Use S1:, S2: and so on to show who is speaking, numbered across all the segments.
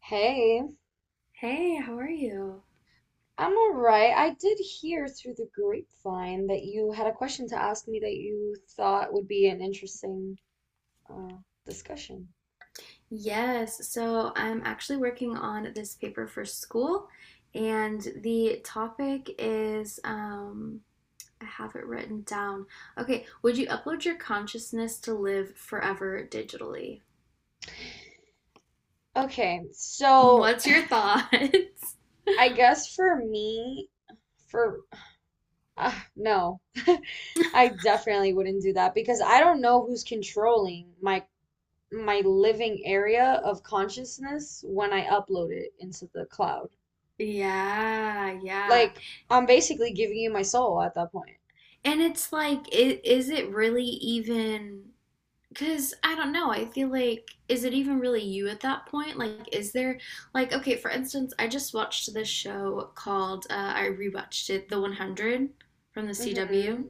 S1: Hey,
S2: Hey, how are you?
S1: I'm all right. I did hear through the grapevine that you had a question to ask me that you thought would be an interesting uh, discussion.
S2: Yes, so I'm actually working on this paper for school, and the topic is I have it written down. Okay, would you upload your consciousness to live forever digitally?
S1: Okay,
S2: Mm,
S1: so
S2: what's your thoughts?
S1: I guess for me, for no, I definitely wouldn't do that because I don't know who's controlling my living area of consciousness when I upload it into the cloud.
S2: Yeah, yeah.
S1: Like, I'm basically giving you my soul at that point.
S2: And it's like, is it really even? Because I don't know, I feel like, is it even really you at that point? Like, is there, like, okay, for instance, I just watched this show called, I rewatched it, The 100 from the
S1: Mm-hmm.
S2: CW.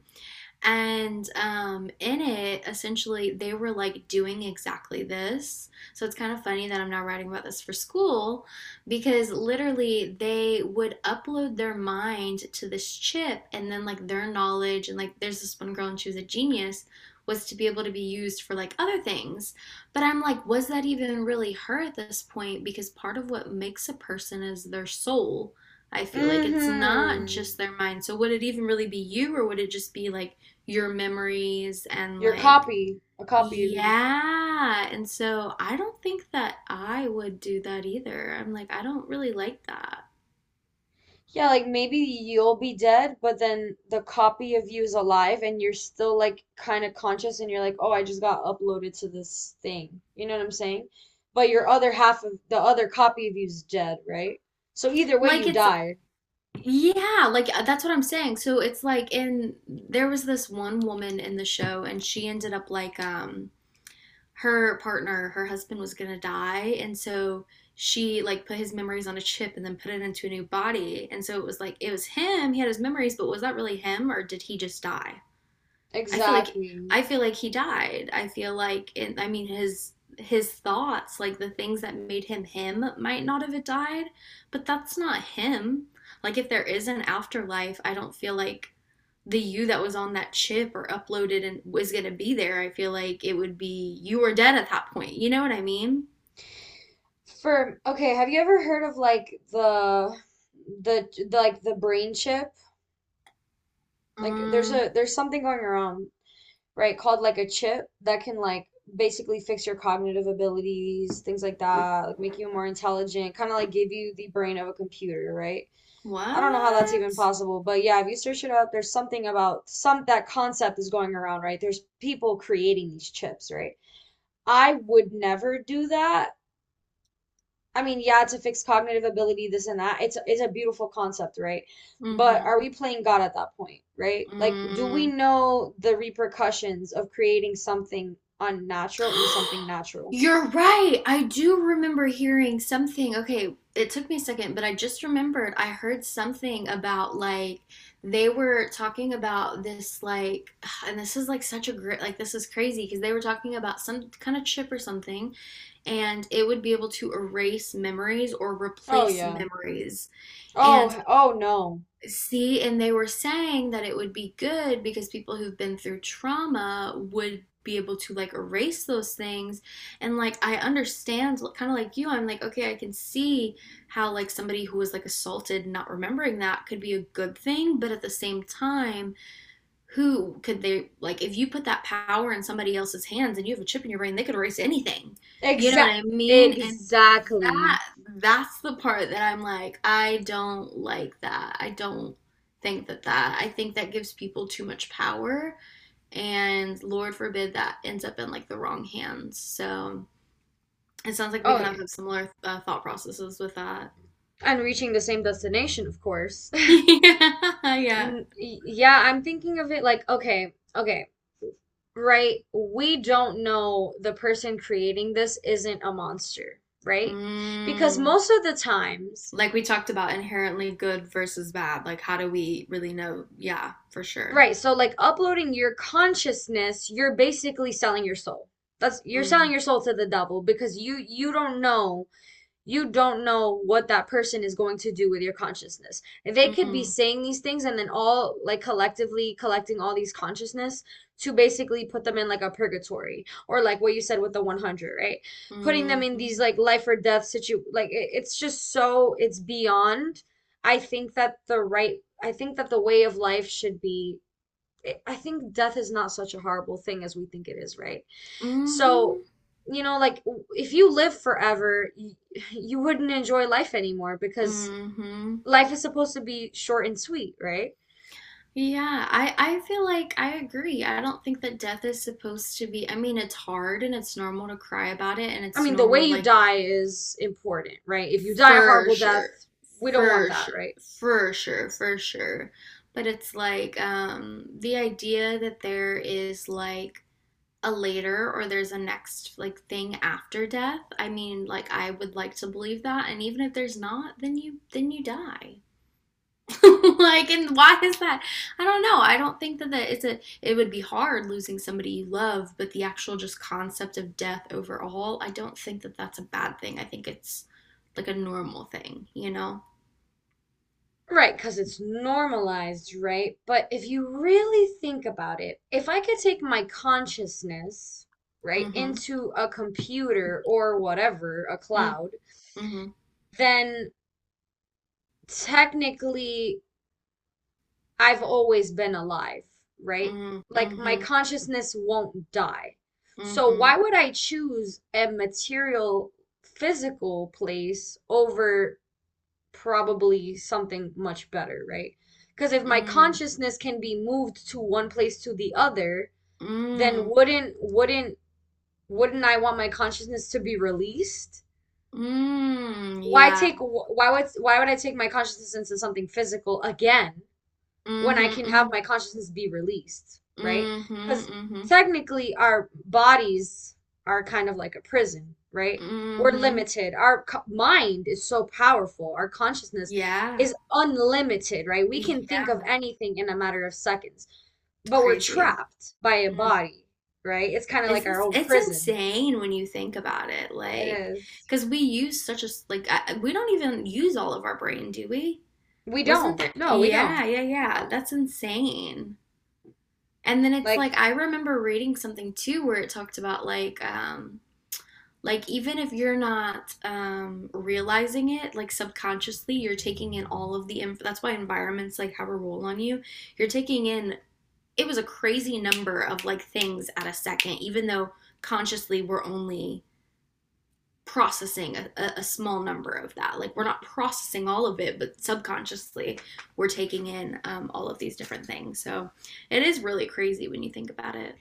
S2: And in it, essentially, they were like doing exactly this. So it's kind of funny that I'm now writing about this for school because literally they would upload their mind to this chip and then like their knowledge. And like there's this one girl and she was a genius was to be able to be used for like other things. But I'm like, was that even really her at this point? Because part of what makes a person is their soul. I feel like it's not
S1: Mm-hmm.
S2: just their mind. So would it even really be you, or would it just be like your memories and
S1: Your
S2: like,
S1: copy, a copy of you.
S2: yeah. And so I don't think that I would do that either. I'm like, I don't really like that.
S1: Yeah, like maybe you'll be dead, but then the copy of you is alive and you're still like kind of conscious and you're like, "Oh, I just got uploaded to this thing." You know what I'm saying? But your other half of the other copy of you is dead, right? So either way
S2: Like
S1: you
S2: it's
S1: die.
S2: yeah, like that's what I'm saying. So it's like in there was this one woman in the show and she ended up like her partner, her husband was gonna die and so she like put his memories on a chip and then put it into a new body. And so it was like it was him, he had his memories, but was that really him or did he just die? I feel like
S1: Exactly.
S2: I feel like he died. I feel like it, I mean his thoughts, like the things that made him him might not have died, but that's not him. Like if there is an afterlife, I don't feel like the you that was on that chip or uploaded and was going to be there. I feel like it would be you were dead at that point. You know what I mean?
S1: For okay, have you ever heard of like the like the brain chip? Like there's
S2: Mm,
S1: a there's something going around, right? Called like a chip that can like basically fix your cognitive abilities, things like that, like make you more intelligent, kind of like give you the brain of a computer, right? I don't know how that's even
S2: what?
S1: possible, but yeah, if you search it up, there's something about some that concept is going around, right? There's people creating these chips, right? I would never do that. I mean, yeah, to fix cognitive ability, this and that. It's a beautiful concept, right? But
S2: Mhm.
S1: are we playing God at that point, right? Like, do we
S2: Mm.
S1: know the repercussions of creating something unnatural in something natural?
S2: You're right. I do remember hearing something. Okay, it took me a second, but I just remembered I heard something about like they were talking about this like and this is like such a great like this is crazy because they were talking about some kind of chip or something and it would be able to erase memories or
S1: Oh
S2: replace
S1: yeah.
S2: memories. And
S1: Oh oh no.
S2: see, and they were saying that it would be good because people who've been through trauma would be able to like erase those things. And like, I understand, kind of like you, I'm like, okay, I can see how like somebody who was like assaulted not remembering that could be a good thing, but at the same time, who could they like if you put that power in somebody else's hands and you have a chip in your brain they could erase anything you know what
S1: Exact
S2: I mean and
S1: exactly.
S2: that that's the part that I'm like I don't like that I don't think that I think that gives people too much power and lord forbid that ends up in like the wrong hands so it sounds like we
S1: Oh
S2: kind of
S1: yeah.
S2: have similar thought processes with that
S1: And reaching the same destination, of course.
S2: yeah, yeah.
S1: Yeah, I'm thinking of it like, okay, okay, right? We don't know the person creating this isn't a monster, right? Because
S2: Mm.
S1: most of the times,
S2: Like we talked about inherently good versus bad. Like, how do we really know? Yeah, for sure.
S1: right, so like uploading your consciousness, you're basically selling your soul. That's, you're selling
S2: Mm,
S1: your soul to the devil because you don't know, you don't know what that person is going to do with your consciousness. They could be
S2: mm,
S1: saying these things and then all like collectively collecting all these consciousness to basically put them in like a purgatory or like what you said with the 100, right? Putting them in
S2: mm-hmm,
S1: these like life or death situ like it, it's just so it's beyond. I think that the right I think that the way of life should be, I think death is not such a horrible thing as we think it is, right? So,
S2: mm-hmm,
S1: you know, like if you live forever, you, you wouldn't enjoy life anymore because
S2: mm-hmm.
S1: life is supposed to be short and sweet, right?
S2: Yeah, I feel like I agree. I don't think that death is supposed to be, I mean, it's hard and it's normal to cry about it, and
S1: I
S2: it's
S1: mean, the way
S2: normal,
S1: you
S2: like,
S1: die is important, right? If you die a
S2: for
S1: horrible
S2: sure,
S1: death, we don't want
S2: for
S1: that,
S2: sure,
S1: right?
S2: for sure, for sure. But it's like, the idea that there is like, a later or there's a next like thing after death. I mean, like I would like to believe that and even if there's not, then you die. Like and why is that? I don't know. I don't think that it's a it would be hard losing somebody you love, but the actual just concept of death overall, I don't think that that's a bad thing. I think it's like a normal thing, you know?
S1: Right, because it's normalized, right? But if you really think about it, if I could take my consciousness, right,
S2: Mhm.
S1: into a computer or whatever, a
S2: Mm
S1: cloud,
S2: mhm.
S1: then technically I've always been alive, right?
S2: Mm
S1: Like my
S2: mhm.
S1: consciousness won't die. So
S2: Mhm.
S1: why would I choose a material, physical place over probably something much better, right? Because if my
S2: Mm.
S1: consciousness can be moved to one place to the other, then
S2: Mm.
S1: wouldn't I want my consciousness to be released?
S2: Mm.
S1: Why
S2: Yeah.
S1: take, why would I take my consciousness into something physical again when I
S2: Mhm.
S1: can have
S2: Mhm.
S1: my consciousness be released, right?
S2: Mhm,
S1: Because
S2: mhm,
S1: technically, our bodies are kind of like a prison, right? We're
S2: mhm.
S1: limited. Our mind is so powerful. Our consciousness
S2: Yeah,
S1: is unlimited, right? We can think of
S2: yeah,
S1: anything in a matter of seconds,
S2: it's
S1: but we're
S2: crazy.
S1: trapped by a
S2: Mm.
S1: body, right? It's kind of like our own
S2: It's
S1: prison.
S2: insane when you think about it,
S1: It
S2: like,
S1: is.
S2: because we use such a like we don't even use all of our brain, do we?
S1: We
S2: Wasn't
S1: don't.
S2: there?
S1: No, we
S2: Yeah,
S1: don't.
S2: yeah,
S1: We
S2: yeah.
S1: don't.
S2: That's insane. And then it's
S1: Like,
S2: like I remember reading something too where it talked about like. Like, even if you're not realizing it, like subconsciously, you're taking in all of the that's why environments like have a role on you. You're taking in it was a crazy number of like things at a second, even though consciously we're only processing a small number of that. Like we're not processing all of it, but subconsciously we're taking in all of these different things. So it is really crazy when you think about it.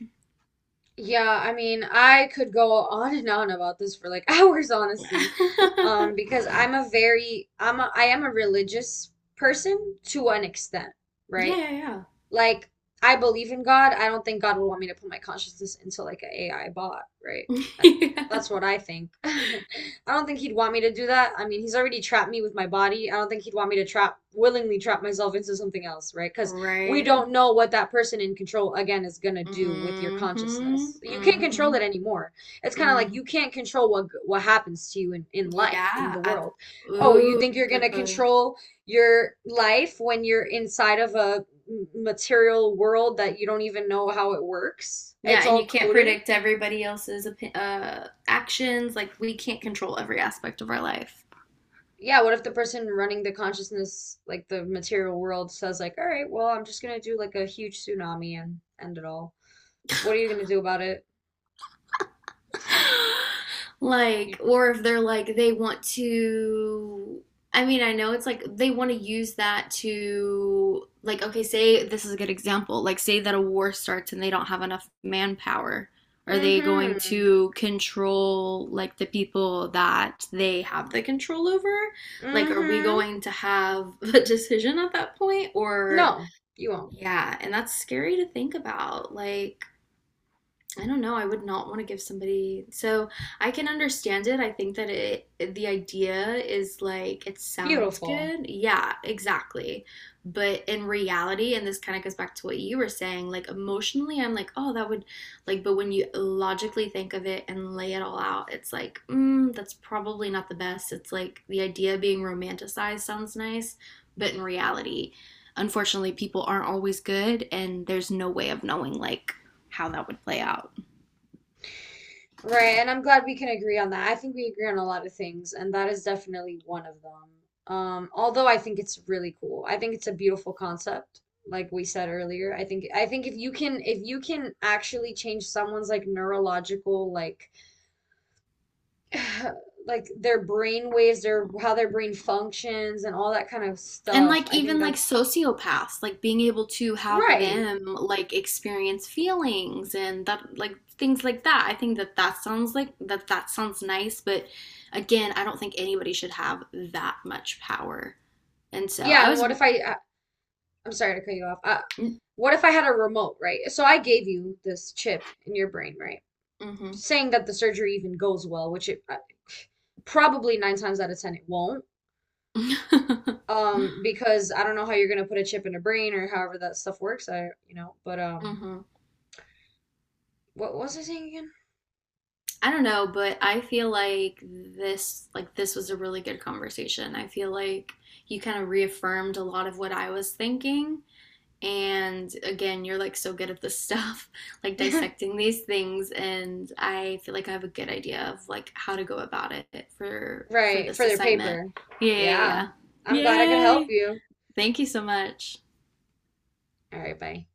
S1: yeah, I mean, I could go on and on about this for like hours, honestly. Because I'm a very I'm a I am a religious person to an extent, right?
S2: Yeah, yeah,
S1: Like, I believe in God. I don't think God would want me to put my consciousness into like an a AI bot, right?
S2: yeah.
S1: That,
S2: Yeah.
S1: that's what I think. I don't think he'd want me to do that. I mean, he's already trapped me with my body. I don't think he'd want me to trap, willingly trap myself into something else, right? Because we don't
S2: Right.
S1: know what that person in control, again, is gonna do with your
S2: Mm, mhm,
S1: consciousness. You can't
S2: mm
S1: control it
S2: mhm,
S1: anymore. It's kind of like
S2: mm.
S1: you can't control what happens to you in life, in
S2: Yeah,
S1: the
S2: I
S1: world. Oh, you
S2: ooh,
S1: think you're
S2: good
S1: gonna
S2: point.
S1: control your life when you're inside of a material world that you don't even know how it works.
S2: Yeah,
S1: It's
S2: and
S1: all
S2: you can't
S1: coded.
S2: predict everybody else's actions. Like we can't control every aspect of our life.
S1: Yeah, what if the person running the consciousness, like the material world, says like, "All right, well, I'm just gonna do like a huge tsunami and end it all." What are you gonna do about it? You,
S2: Like, or if they're like, they want to, I mean, I know it's like they want to use that to, like, okay, say this is a good example. Like, say that a war starts and they don't have enough manpower. Are they going
S1: mm-hmm,
S2: to control, like, the people that they have the control over? Like, are we
S1: mm-hmm.
S2: going to have a decision at that point? Or,
S1: No, you won't.
S2: yeah, and that's scary to think about. Like, I don't know. I would not want to give somebody. So I can understand it. I think that it, the idea is like it sounds
S1: Beautiful.
S2: good. Yeah, exactly. But in reality, and this kind of goes back to what you were saying, like emotionally, I'm like, oh, that would like, but when you logically think of it and lay it all out, it's like, mm, that's probably not the best. It's like the idea of being romanticized sounds nice, but in reality, unfortunately, people aren't always good, and there's no way of knowing like how that would play out.
S1: Right, and I'm glad we can agree on that. I think we agree on a lot of things, and that is definitely one of them. Although I think it's really cool. I think it's a beautiful concept, like we said earlier. I think if you can actually change someone's like neurological like like their brain waves, their how their brain functions and all that kind of
S2: And
S1: stuff,
S2: like
S1: I think
S2: even like
S1: that's
S2: sociopaths, like being able to have
S1: right.
S2: them like experience feelings and that like things like that. I think that that sounds like that sounds nice, but again, I don't think anybody should have that much power. And so
S1: Yeah,
S2: I
S1: and
S2: was
S1: what if I'm sorry to cut you off. What if I had a remote, right? So I gave you this chip in your brain, right?
S2: mm-hmm.
S1: Saying that the surgery even goes well, which it probably nine times out of ten it won't. Because I don't know how you're gonna put a chip in a brain or however that stuff works. I, you know, but
S2: Hmm.
S1: what was I saying
S2: I don't know, but I feel like this was a really good conversation. I feel like you kind of reaffirmed a lot of what I was thinking. And again, you're like so good at this stuff, like
S1: again?
S2: dissecting these things, and I feel like I have a good idea of like how to go about it for
S1: Right,
S2: this
S1: for their
S2: assignment.
S1: paper.
S2: Yeah, yeah,
S1: Yeah,
S2: yeah.
S1: I'm glad I could help
S2: Yay!
S1: you.
S2: Thank you so much.
S1: All right, bye.